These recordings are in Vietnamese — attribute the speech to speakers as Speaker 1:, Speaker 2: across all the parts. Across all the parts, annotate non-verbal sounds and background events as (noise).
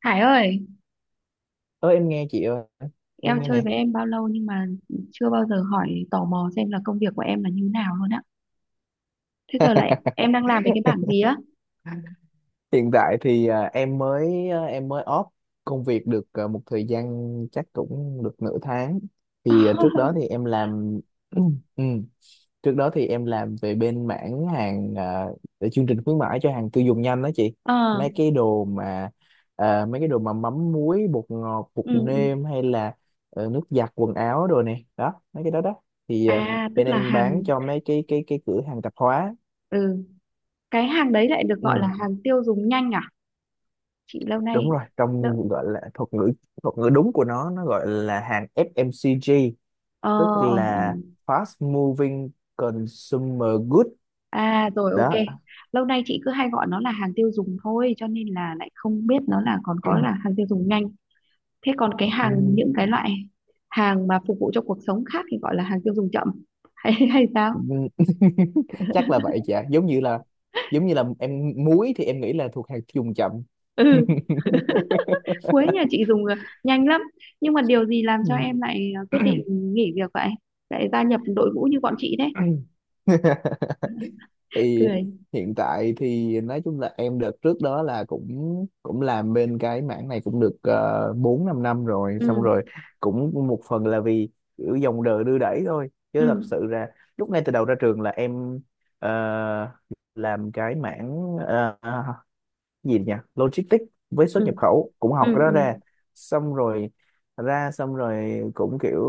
Speaker 1: Hải ơi,
Speaker 2: Ơ, em nghe chị ơi.
Speaker 1: em
Speaker 2: Em nghe
Speaker 1: chơi
Speaker 2: nè.
Speaker 1: với em bao lâu nhưng mà chưa bao giờ hỏi tò mò xem là công việc của em là như nào luôn á. Thế giờ lại em
Speaker 2: (laughs)
Speaker 1: đang làm về cái bảng gì á?
Speaker 2: Hiện tại thì em mới off công việc được một thời gian, chắc cũng được nửa tháng. Thì trước đó thì
Speaker 1: (laughs)
Speaker 2: em làm (clears throat) Ừ. Trước đó thì em làm về bên mảng hàng, về chương trình khuyến mãi cho hàng tiêu dùng nhanh đó chị.
Speaker 1: Ờ,
Speaker 2: Mấy cái đồ mà mấy cái đồ mà mắm muối bột ngọt bột
Speaker 1: ừ. Ừ.
Speaker 2: nêm hay là nước giặt quần áo rồi nè đó, mấy cái đó đó. Thì
Speaker 1: À, tức
Speaker 2: bên
Speaker 1: là
Speaker 2: em bán
Speaker 1: hàng,
Speaker 2: cho mấy cái cửa hàng tạp hóa.
Speaker 1: ừ, cái hàng đấy lại được gọi
Speaker 2: Ừ,
Speaker 1: là hàng tiêu dùng nhanh à? Chị lâu nay,
Speaker 2: đúng rồi, trong
Speaker 1: lâu,
Speaker 2: gọi là thuật ngữ, đúng của nó gọi là hàng FMCG,
Speaker 1: ờ,
Speaker 2: tức
Speaker 1: Ừ.
Speaker 2: là Fast Moving Consumer Good
Speaker 1: À rồi,
Speaker 2: đó.
Speaker 1: ok. Lâu nay chị cứ hay gọi nó là hàng tiêu dùng thôi, cho nên là lại không biết nó là còn có là
Speaker 2: (clears throat)
Speaker 1: hàng tiêu dùng nhanh. Thế còn cái
Speaker 2: Ừ,
Speaker 1: hàng những cái loại hàng mà phục vụ cho cuộc sống khác thì gọi là hàng tiêu dùng chậm, (laughs) hay hay sao?
Speaker 2: ừ. (laughs) Chắc là vậy chả, giống như là em muối thì em nghĩ là thuộc hàng tiêu dùng chậm.
Speaker 1: Ừ,
Speaker 2: (laughs)
Speaker 1: Quế nhà chị dùng nhanh lắm. Nhưng mà điều gì làm cho em lại quyết
Speaker 2: Ừ.
Speaker 1: định nghỉ việc vậy? Lại gia nhập đội ngũ như bọn chị đấy.
Speaker 2: (laughs) Thì
Speaker 1: Cười.
Speaker 2: hiện tại thì nói chung là em đợt trước đó là cũng cũng làm bên cái mảng này cũng được 4 5 năm rồi.
Speaker 1: Ừ,
Speaker 2: Xong rồi cũng một phần là vì kiểu dòng đời đưa đẩy thôi, chứ thật
Speaker 1: ừ,
Speaker 2: sự ra lúc ngay từ đầu ra trường là em ờ, làm cái mảng ờ, gì nhỉ, logistics với xuất
Speaker 1: ừ,
Speaker 2: nhập khẩu, cũng học cái
Speaker 1: ừ,
Speaker 2: đó ra.
Speaker 1: ừ.
Speaker 2: Xong rồi cũng kiểu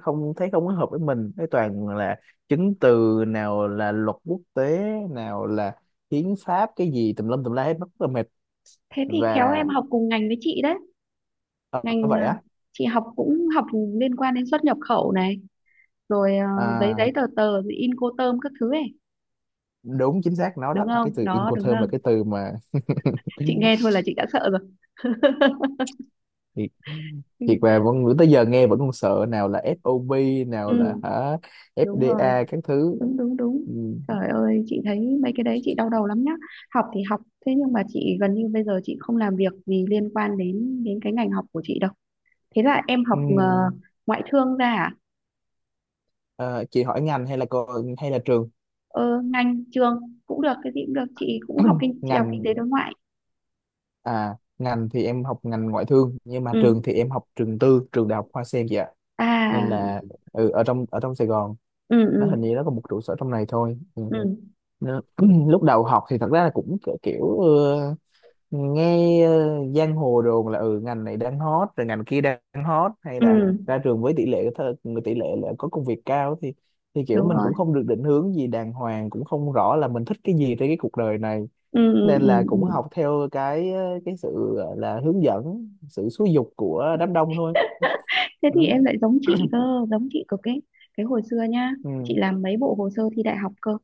Speaker 2: không thấy không có hợp với mình, cái toàn là chứng từ, nào là luật quốc tế, nào là hiến pháp, cái gì tùm lum tùm la hết, rất là mệt.
Speaker 1: Thế thì khéo
Speaker 2: Và
Speaker 1: em học cùng ngành với chị đấy.
Speaker 2: ờ,
Speaker 1: Ngành,
Speaker 2: vậy á.
Speaker 1: chị học cũng học liên quan đến xuất nhập khẩu này, rồi giấy
Speaker 2: À,
Speaker 1: giấy tờ tờ, rồi in cô tơm các thứ ấy,
Speaker 2: đúng, chính xác nó đó,
Speaker 1: đúng
Speaker 2: cái
Speaker 1: không?
Speaker 2: từ
Speaker 1: Đó, đúng
Speaker 2: Incoterm là
Speaker 1: không?
Speaker 2: cái từ mà (laughs)
Speaker 1: Chị nghe thôi là chị đã sợ rồi. (laughs)
Speaker 2: thiệt,
Speaker 1: Ừ,
Speaker 2: thiệt mà vẫn tới giờ nghe vẫn còn sợ, nào là FOB, nào là
Speaker 1: ừ,
Speaker 2: hả,
Speaker 1: đúng rồi,
Speaker 2: FDA các thứ.
Speaker 1: đúng đúng đúng.
Speaker 2: Ừ.
Speaker 1: Trời ơi, chị thấy mấy cái đấy chị đau đầu lắm nhá. Học thì học, thế nhưng mà chị gần như bây giờ chị không làm việc gì liên quan đến đến cái ngành học của chị đâu. Thế là em học
Speaker 2: Ừ.
Speaker 1: ngoại thương ra à?
Speaker 2: Ờ, chị hỏi ngành hay là hay là trường?
Speaker 1: Ờ, ngành trường cũng được, cái gì cũng được. Chị cũng học
Speaker 2: (clears throat)
Speaker 1: kinh, chị học kinh
Speaker 2: Ngành,
Speaker 1: tế đối ngoại.
Speaker 2: ngành thì em học ngành ngoại thương, nhưng mà
Speaker 1: Ừ.
Speaker 2: trường thì em học trường tư, trường đại học Hoa Sen vậy ạ.
Speaker 1: À,
Speaker 2: Nên là ừ, ở trong Sài Gòn,
Speaker 1: ừ,
Speaker 2: nó hình
Speaker 1: ừ,
Speaker 2: như nó có một trụ sở trong này thôi. Ừ.
Speaker 1: ừ,
Speaker 2: Nó- (clears throat) lúc đầu học thì thật ra là cũng kiểu, kiểu nghe giang hồ đồn là ừ, ngành này đang hot, rồi ngành kia đang hot, hay là
Speaker 1: ừ,
Speaker 2: ra trường với tỷ lệ là có công việc cao, thì kiểu
Speaker 1: đúng
Speaker 2: mình cũng
Speaker 1: rồi.
Speaker 2: không được định hướng gì đàng hoàng, cũng không rõ là mình thích cái gì trên cái cuộc đời này.
Speaker 1: Ừ, ừ,
Speaker 2: Nên
Speaker 1: ừ.
Speaker 2: là
Speaker 1: Ừ.
Speaker 2: cũng học theo cái cái sự là hướng dẫn, sự xúi giục của đám đông thôi.
Speaker 1: Thế thì
Speaker 2: Ừ.
Speaker 1: em lại giống chị cơ, giống chị cực ấy. Cái hồi xưa nhá,
Speaker 2: Ừ.
Speaker 1: chị làm mấy bộ hồ sơ thi đại học cơ.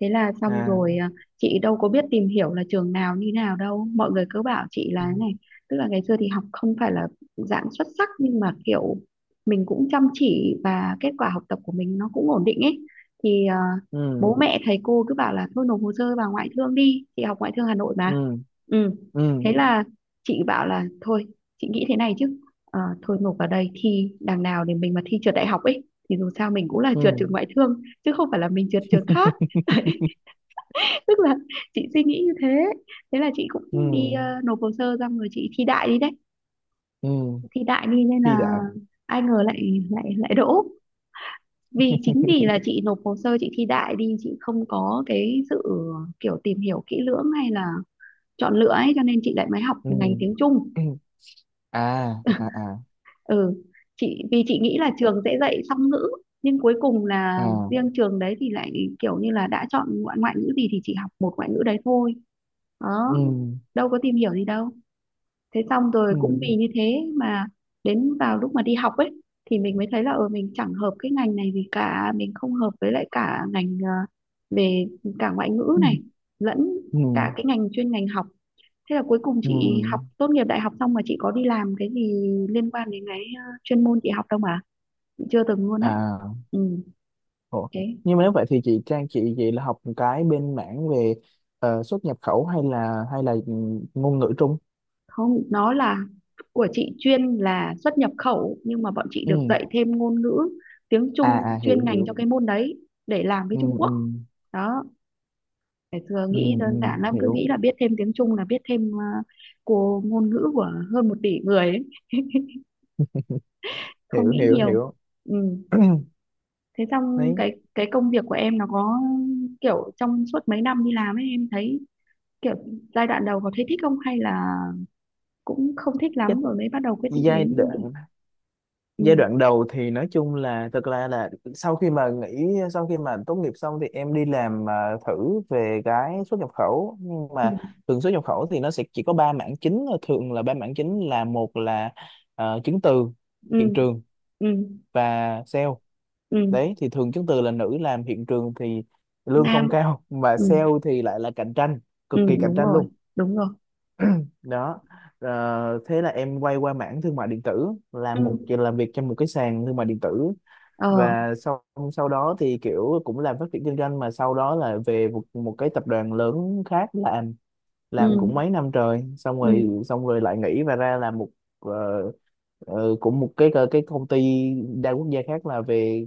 Speaker 1: Thế là xong
Speaker 2: À.
Speaker 1: rồi, à, chị đâu có biết tìm hiểu là trường nào như nào đâu, mọi người cứ bảo chị là thế
Speaker 2: Ừ.
Speaker 1: này. Tức là ngày xưa thì học không phải là dạng xuất sắc, nhưng mà kiểu mình cũng chăm chỉ và kết quả học tập của mình nó cũng ổn định ấy. Thì à, bố
Speaker 2: Ừ.
Speaker 1: mẹ thầy cô cứ bảo là thôi nộp hồ sơ vào ngoại thương đi, chị học ngoại thương Hà Nội mà.
Speaker 2: Ừ.
Speaker 1: Ừ,
Speaker 2: Ừ.
Speaker 1: thế là chị bảo là thôi, chị nghĩ thế này chứ. Ờ, thôi nộp vào đây thi đằng nào, để mình mà thi trượt đại học ấy thì dù sao mình cũng là trượt
Speaker 2: Ừ.
Speaker 1: trường ngoại thương chứ không phải là mình trượt trường khác. (laughs)
Speaker 2: (laughs)
Speaker 1: Đấy, tức là chị suy nghĩ như thế. Thế là chị
Speaker 2: Ừ.
Speaker 1: cũng đi nộp hồ sơ xong rồi chị thi đại đi đấy.
Speaker 2: Ừ
Speaker 1: Thi đại đi nên
Speaker 2: thì
Speaker 1: là
Speaker 2: đại.
Speaker 1: ai ngờ lại lại lại đỗ. Vì chính vì
Speaker 2: (laughs)
Speaker 1: là chị nộp hồ sơ chị thi đại đi, chị không có cái sự kiểu tìm hiểu kỹ lưỡng hay là chọn lựa ấy cho nên chị lại mới học
Speaker 2: Ừ.
Speaker 1: ngành tiếng Trung.
Speaker 2: (clears throat) À à
Speaker 1: (laughs)
Speaker 2: à.
Speaker 1: Ừ, chị vì chị nghĩ là trường sẽ dạy song ngữ, nhưng cuối cùng
Speaker 2: À.
Speaker 1: là riêng trường đấy thì lại kiểu như là đã chọn ngoại ngoại ngữ gì thì chị học một ngoại ngữ đấy thôi. Đó,
Speaker 2: Ừ.
Speaker 1: đâu có tìm hiểu gì đâu. Thế xong rồi
Speaker 2: Ừ.
Speaker 1: cũng vì như thế mà đến vào lúc mà đi học ấy thì mình mới thấy là mình chẳng hợp cái ngành này gì cả, mình không hợp với lại cả ngành, về cả ngoại ngữ
Speaker 2: Ừ.
Speaker 1: này lẫn
Speaker 2: Ừ.
Speaker 1: cả cái ngành chuyên ngành học. Thế là cuối cùng
Speaker 2: Ừ.
Speaker 1: chị học tốt nghiệp đại học xong mà chị có đi làm cái gì liên quan đến cái chuyên môn chị học đâu mà chị chưa từng luôn á.
Speaker 2: À.
Speaker 1: Ừ,
Speaker 2: Ủa.
Speaker 1: thế
Speaker 2: Nhưng mà nếu vậy thì chị Trang, chị vậy là học một cái bên mảng về xuất nhập khẩu hay là ngôn ngữ Trung?
Speaker 1: không, nó là của chị chuyên là xuất nhập khẩu, nhưng mà bọn chị được
Speaker 2: Ừ.
Speaker 1: dạy thêm ngôn ngữ tiếng
Speaker 2: À
Speaker 1: Trung
Speaker 2: à.
Speaker 1: chuyên
Speaker 2: Hiểu
Speaker 1: ngành
Speaker 2: hiểu.
Speaker 1: cho cái môn đấy để làm với
Speaker 2: Ừ.
Speaker 1: Trung
Speaker 2: Ừ.
Speaker 1: Quốc. Đó, ngày xưa
Speaker 2: Ừ,
Speaker 1: nghĩ
Speaker 2: ừ.
Speaker 1: đơn giản lắm, cứ
Speaker 2: Hiểu
Speaker 1: nghĩ là biết thêm tiếng Trung là biết thêm của ngôn ngữ của hơn 1 tỷ người ấy. Không
Speaker 2: hiểu
Speaker 1: nghĩ
Speaker 2: hiểu.
Speaker 1: nhiều.
Speaker 2: Hiểu.
Speaker 1: Ừ.
Speaker 2: (clears throat)
Speaker 1: Thế xong
Speaker 2: Đấy.
Speaker 1: cái công việc của em nó có kiểu trong suốt mấy năm đi làm ấy em thấy kiểu giai đoạn đầu có thấy thích không hay là cũng không thích lắm rồi mới bắt đầu quyết
Speaker 2: Cái
Speaker 1: định đến nghỉ? Ừ,
Speaker 2: giai đoạn đầu thì nói chung là thực ra là sau khi mà nghỉ, sau khi mà tốt nghiệp xong thì em đi làm thử về cái xuất nhập khẩu. Nhưng
Speaker 1: ừ,
Speaker 2: mà thường xuất nhập khẩu thì nó sẽ chỉ có ba mảng chính, thường là ba mảng chính là: một là chứng từ,
Speaker 1: ừ,
Speaker 2: hiện trường
Speaker 1: ừ,
Speaker 2: và sale.
Speaker 1: ừ.
Speaker 2: Đấy, thì thường chứng từ là nữ làm, hiện trường thì lương
Speaker 1: Nam.
Speaker 2: không cao, (laughs) mà
Speaker 1: Ừ,
Speaker 2: sale thì lại là cạnh tranh,
Speaker 1: ừ,
Speaker 2: cực kỳ cạnh
Speaker 1: đúng
Speaker 2: tranh
Speaker 1: rồi,
Speaker 2: luôn
Speaker 1: đúng rồi,
Speaker 2: đó. Ờ, thế là em quay qua mảng thương mại điện tử, làm
Speaker 1: ừ,
Speaker 2: làm việc trong một cái sàn thương mại điện tử.
Speaker 1: ờ,
Speaker 2: Và sau sau đó thì kiểu cũng làm phát triển kinh doanh, mà sau đó là về một, cái tập đoàn lớn khác làm,
Speaker 1: ừ,
Speaker 2: cũng mấy năm trời. Xong rồi
Speaker 1: ừ,
Speaker 2: lại nghỉ và ra làm một ờ, cũng một cái cái công ty đa quốc gia khác, là về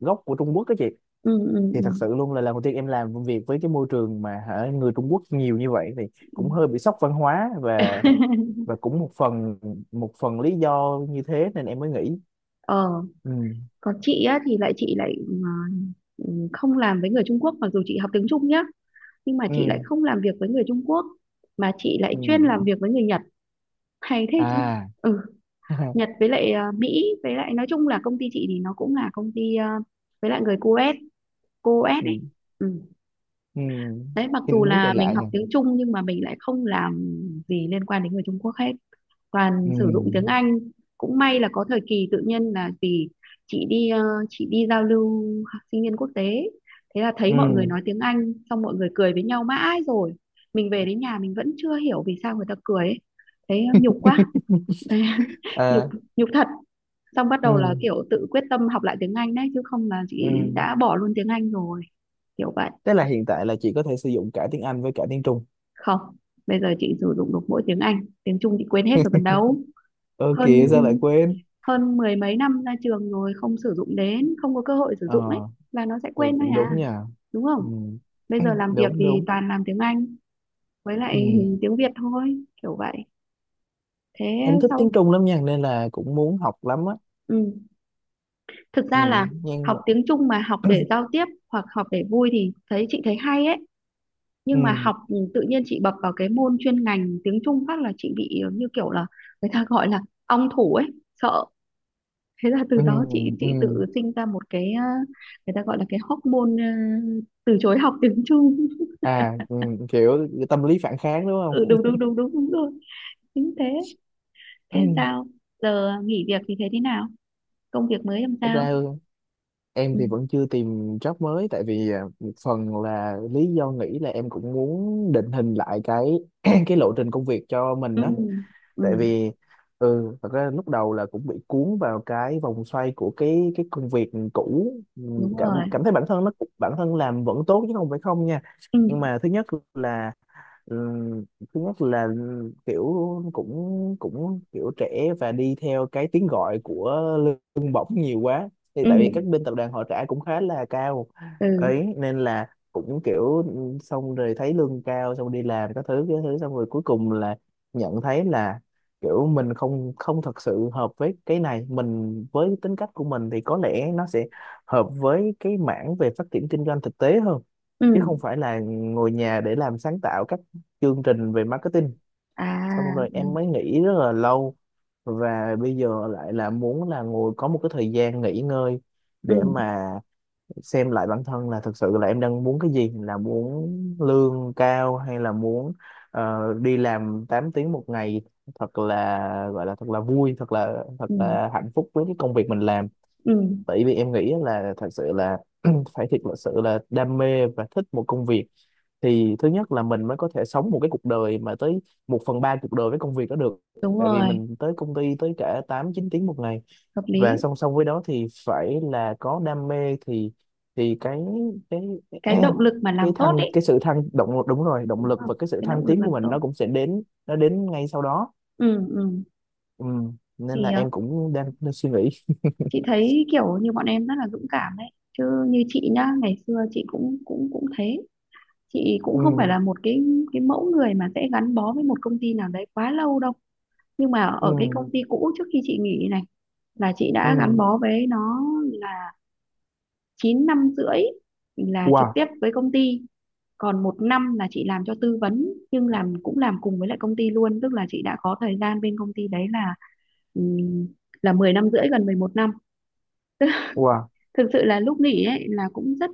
Speaker 2: gốc của Trung Quốc đó chị.
Speaker 1: ừ, ừ,
Speaker 2: Thì
Speaker 1: ừ,
Speaker 2: thật sự luôn là lần đầu tiên em làm công việc với cái môi trường mà hả, người Trung Quốc nhiều như vậy thì cũng hơi
Speaker 1: ừ.
Speaker 2: bị sốc văn hóa. Và
Speaker 1: (laughs)
Speaker 2: cũng một phần, lý do như thế nên em mới nghỉ.
Speaker 1: Ờ,
Speaker 2: Ừ.
Speaker 1: còn chị á thì lại, không làm với người Trung Quốc, mặc dù chị học tiếng Trung nhá, nhưng mà chị lại
Speaker 2: Ừ.
Speaker 1: không làm việc với người Trung Quốc mà chị lại
Speaker 2: Ừ.
Speaker 1: chuyên làm việc với người Nhật, hay thế chứ.
Speaker 2: À.
Speaker 1: Ừ,
Speaker 2: (laughs)
Speaker 1: Nhật với lại, à, Mỹ, với lại nói chung là công ty chị thì nó cũng là công ty, à, với lại người Coes, Coes ấy.
Speaker 2: Ừ.
Speaker 1: Ừ.
Speaker 2: Ừ.
Speaker 1: Đấy, mặc
Speaker 2: Cái
Speaker 1: dù
Speaker 2: nước này
Speaker 1: là mình
Speaker 2: lạ
Speaker 1: học
Speaker 2: nhỉ.
Speaker 1: tiếng Trung nhưng mà mình lại không làm gì liên quan đến người Trung Quốc hết,
Speaker 2: Ừ.
Speaker 1: toàn sử dụng tiếng Anh. Cũng may là có thời kỳ tự nhiên là vì chị đi ờ, chị đi giao lưu học sinh viên quốc tế, thế là thấy mọi người
Speaker 2: Ừ.
Speaker 1: nói tiếng Anh xong mọi người cười với nhau mãi rồi mình về đến nhà mình vẫn chưa hiểu vì sao người ta cười ấy. Thế nhục quá. Thế
Speaker 2: (laughs)
Speaker 1: (laughs) nhục
Speaker 2: À.
Speaker 1: nhục thật. Xong bắt
Speaker 2: Ừ.
Speaker 1: đầu là kiểu tự quyết tâm học lại tiếng Anh đấy, chứ không là
Speaker 2: Ừ.
Speaker 1: chị đã bỏ luôn tiếng Anh rồi, kiểu vậy.
Speaker 2: Thế là hiện tại là chị có thể sử dụng cả tiếng Anh với cả tiếng Trung?
Speaker 1: Không, bây giờ chị sử dụng được mỗi tiếng Anh, tiếng Trung chị quên hết rồi còn đâu.
Speaker 2: Ơ
Speaker 1: hơn
Speaker 2: kìa, sao lại quên?
Speaker 1: hơn mười mấy năm ra trường rồi không sử dụng đến, không có cơ hội sử
Speaker 2: Ờ.
Speaker 1: dụng ấy là nó sẽ
Speaker 2: Ừ,
Speaker 1: quên thôi
Speaker 2: cũng
Speaker 1: à,
Speaker 2: đúng nha.
Speaker 1: đúng không?
Speaker 2: Ừ.
Speaker 1: Bây
Speaker 2: (clears throat)
Speaker 1: giờ làm việc
Speaker 2: Đúng
Speaker 1: thì
Speaker 2: đúng.
Speaker 1: toàn làm tiếng Anh với lại
Speaker 2: Ừ.
Speaker 1: (laughs) tiếng Việt thôi, kiểu vậy. Thế
Speaker 2: Em thích
Speaker 1: sau.
Speaker 2: tiếng Trung lắm nha, nên là cũng muốn học lắm á.
Speaker 1: Ừ, thực
Speaker 2: Ừ.
Speaker 1: ra là
Speaker 2: Nhưng
Speaker 1: học
Speaker 2: mà.
Speaker 1: tiếng Trung mà học để giao tiếp hoặc học để vui thì chị thấy hay ấy, nhưng mà
Speaker 2: Ừ.
Speaker 1: học tự nhiên chị bập vào cái môn chuyên ngành tiếng Trung phát là chị bị như kiểu là người ta gọi là ong thủ ấy, sợ. Thế là từ
Speaker 2: Ừ.
Speaker 1: đó chị
Speaker 2: Ừ.
Speaker 1: tự sinh ra một cái, người ta gọi là cái hormone, từ chối học tiếng Trung.
Speaker 2: À. Ừ. Kiểu tâm lý phản kháng, đúng
Speaker 1: (laughs) Ừ,
Speaker 2: không?
Speaker 1: đúng đúng đúng đúng đúng rồi, chính thế. Thế sao,
Speaker 2: (clears throat)
Speaker 1: giờ nghỉ việc thì thế thế nào, công việc mới làm
Speaker 2: Thực
Speaker 1: sao?
Speaker 2: ra em
Speaker 1: Ừ,
Speaker 2: thì vẫn chưa tìm job mới, tại vì một phần là lý do nghĩ là em cũng muốn định hình lại cái (clears throat) cái lộ trình công việc cho mình
Speaker 1: ừ,
Speaker 2: á.
Speaker 1: ừ,
Speaker 2: Tại vì thật ra lúc đầu là cũng bị cuốn vào cái vòng xoay của cái công việc cũ. Ừ,
Speaker 1: đúng
Speaker 2: cảm
Speaker 1: rồi.
Speaker 2: cảm thấy bản thân nó, bản thân làm vẫn tốt chứ không phải không nha.
Speaker 1: Ừ,
Speaker 2: Nhưng mà thứ nhất là, Ừ, kiểu cũng, kiểu trẻ và đi theo cái tiếng gọi của lương bổng nhiều quá. Thì
Speaker 1: ừ,
Speaker 2: tại vì các bên tập đoàn họ trả cũng khá là cao
Speaker 1: ừ,
Speaker 2: ấy, nên là cũng kiểu ừ, xong rồi thấy lương cao, xong đi làm các thứ cái thứ, xong rồi cuối cùng là nhận thấy là kiểu mình không không thật sự hợp với cái này. Mình, với tính cách của mình thì có lẽ nó sẽ hợp với cái mảng về phát triển kinh doanh thực tế hơn,
Speaker 1: ừ.
Speaker 2: chứ không phải là ngồi nhà để làm sáng tạo các chương trình về marketing.
Speaker 1: À,
Speaker 2: Xong rồi em mới nghĩ rất là lâu, và bây giờ lại là muốn là ngồi, có một cái thời gian nghỉ ngơi
Speaker 1: ừ,
Speaker 2: để mà xem lại bản thân là thực sự là em đang muốn cái gì, là muốn lương cao hay là muốn đi làm 8 tiếng một ngày, thật là gọi là thật là vui, thật là
Speaker 1: ừ,
Speaker 2: hạnh phúc với cái công việc mình làm.
Speaker 1: ừ,
Speaker 2: Tại vì em nghĩ là thật sự là (clears throat) phải thiệt là sự là đam mê và thích một công việc, thì thứ nhất là mình mới có thể sống một cái cuộc đời mà tới một phần ba cuộc đời với công việc đó được.
Speaker 1: đúng
Speaker 2: Tại vì
Speaker 1: rồi.
Speaker 2: mình tới công ty tới cả 8-9 tiếng một ngày.
Speaker 1: Hợp
Speaker 2: Và
Speaker 1: lý.
Speaker 2: song song với đó thì phải là có đam mê, thì cái cái
Speaker 1: Cái
Speaker 2: (clears throat)
Speaker 1: động lực mà
Speaker 2: cái
Speaker 1: làm tốt
Speaker 2: thăng,
Speaker 1: ấy.
Speaker 2: cái sự thăng động, đúng rồi, động
Speaker 1: Đúng
Speaker 2: lực
Speaker 1: không?
Speaker 2: và cái sự
Speaker 1: Cái
Speaker 2: thăng
Speaker 1: động lực
Speaker 2: tiến
Speaker 1: làm
Speaker 2: của mình
Speaker 1: tốt.
Speaker 2: nó cũng sẽ đến, nó đến ngay sau đó.
Speaker 1: Ừ, ừ.
Speaker 2: Ừ. Nên là
Speaker 1: Thì
Speaker 2: em cũng đang, suy nghĩ.
Speaker 1: chị thấy kiểu như bọn em rất là dũng cảm đấy, chứ như chị nhá, ngày xưa chị cũng cũng cũng thế. Chị cũng
Speaker 2: Ừ.
Speaker 1: không phải là một cái mẫu người mà sẽ gắn bó với một công ty nào đấy quá lâu đâu. Nhưng mà ở cái
Speaker 2: Ừ.
Speaker 1: công ty cũ trước khi chị nghỉ này là chị đã gắn
Speaker 2: Ừ.
Speaker 1: bó với nó là 9 năm rưỡi, là trực
Speaker 2: Wow
Speaker 1: tiếp với công ty. Còn 1 năm là chị làm cho tư vấn, nhưng làm cũng làm cùng với lại công ty luôn, tức là chị đã có thời gian bên công ty đấy ừm, là 10 năm rưỡi, gần 11 năm.
Speaker 2: wow.
Speaker 1: (laughs) Thực sự là lúc nghỉ ấy là cũng rất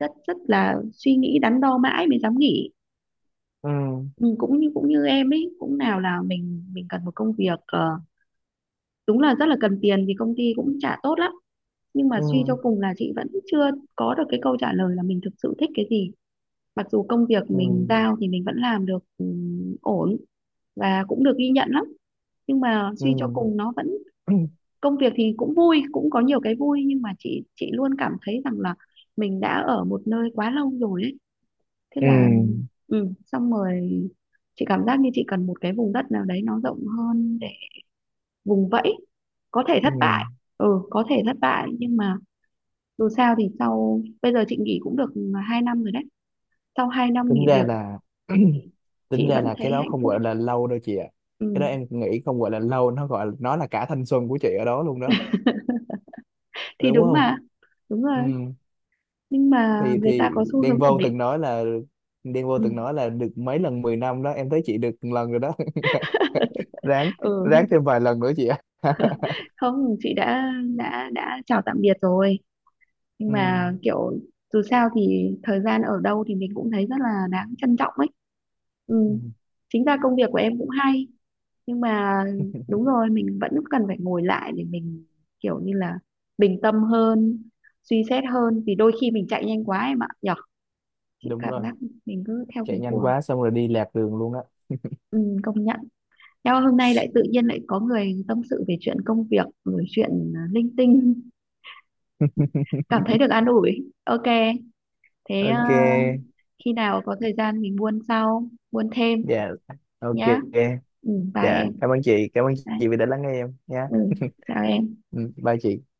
Speaker 1: rất rất là suy nghĩ, đắn đo mãi mới dám nghỉ.
Speaker 2: Ừ.
Speaker 1: Ừ, cũng như em ấy cũng, nào là mình cần một công việc, đúng là rất là cần tiền thì công ty cũng trả tốt lắm. Nhưng mà
Speaker 2: Ừ.
Speaker 1: suy cho cùng là chị vẫn chưa có được cái câu trả lời là mình thực sự thích cái gì, mặc dù công việc
Speaker 2: Ừ.
Speaker 1: mình giao thì mình vẫn làm được ổn và cũng được ghi nhận lắm. Nhưng mà suy cho
Speaker 2: Ừ.
Speaker 1: cùng nó vẫn,
Speaker 2: (clears throat)
Speaker 1: công việc thì cũng vui, cũng có nhiều cái vui, nhưng mà chị luôn cảm thấy rằng là mình đã ở một nơi quá lâu rồi ấy. Thế
Speaker 2: Ừ.
Speaker 1: là xong rồi chị cảm giác như chị cần một cái vùng đất nào đấy nó rộng hơn để vùng vẫy, có thể
Speaker 2: Ừ.
Speaker 1: thất bại. Ừ, có thể thất bại, nhưng mà dù sao thì sau bây giờ chị nghỉ cũng được 2 năm rồi đấy, sau 2 năm
Speaker 2: Tính
Speaker 1: nghỉ
Speaker 2: ra
Speaker 1: việc
Speaker 2: là (clears throat) tính
Speaker 1: chị
Speaker 2: ra
Speaker 1: vẫn
Speaker 2: là cái
Speaker 1: thấy
Speaker 2: đó
Speaker 1: hạnh
Speaker 2: không
Speaker 1: phúc.
Speaker 2: gọi là lâu đâu chị ạ. Cái đó
Speaker 1: Ừ.
Speaker 2: em nghĩ không gọi là lâu, nó gọi nó là cả thanh xuân của chị ở đó luôn đó,
Speaker 1: Thì
Speaker 2: đúng
Speaker 1: đúng
Speaker 2: không?
Speaker 1: mà. Đúng
Speaker 2: Ừ.
Speaker 1: rồi. Nhưng mà
Speaker 2: Thì
Speaker 1: người ta có xu
Speaker 2: Đen
Speaker 1: hướng ổn
Speaker 2: Vâu
Speaker 1: định.
Speaker 2: từng nói là Đen Vâu từng
Speaker 1: Ừ.
Speaker 2: nói là được mấy lần 10 năm đó, em thấy chị được một lần rồi đó. (laughs) Ráng,
Speaker 1: Ừ.
Speaker 2: thêm vài lần nữa chị ạ. (laughs)
Speaker 1: Không, chị đã chào tạm biệt rồi. Nhưng
Speaker 2: Ừ.
Speaker 1: mà kiểu dù sao thì thời gian ở đâu thì mình cũng thấy rất là đáng trân trọng ấy.
Speaker 2: Ừ,
Speaker 1: Ừ. Chính ra công việc của em cũng hay, nhưng mà đúng rồi, mình vẫn cần phải ngồi lại để mình kiểu như là bình tâm hơn, suy xét hơn vì đôi khi mình chạy nhanh quá em ạ, nhở. Chị
Speaker 2: đúng
Speaker 1: cảm
Speaker 2: rồi,
Speaker 1: giác mình cứ theo
Speaker 2: chạy
Speaker 1: cái
Speaker 2: nhanh
Speaker 1: cuồng.
Speaker 2: quá xong rồi đi lạc đường luôn á.
Speaker 1: Ừ, công nhận. Nhau hôm nay lại tự nhiên lại có người tâm sự về chuyện công việc rồi chuyện linh tinh, cảm thấy được an ủi, ok. Thế
Speaker 2: Ok.
Speaker 1: khi nào có thời gian mình buôn sau buôn thêm
Speaker 2: Dạ. Ok.
Speaker 1: nhá. Ừ, bye
Speaker 2: Dạ
Speaker 1: em.
Speaker 2: cảm ơn chị, cảm ơn
Speaker 1: Bye.
Speaker 2: chị vì đã lắng nghe em nha.
Speaker 1: Ừ, chào em.
Speaker 2: Ừ, bye chị.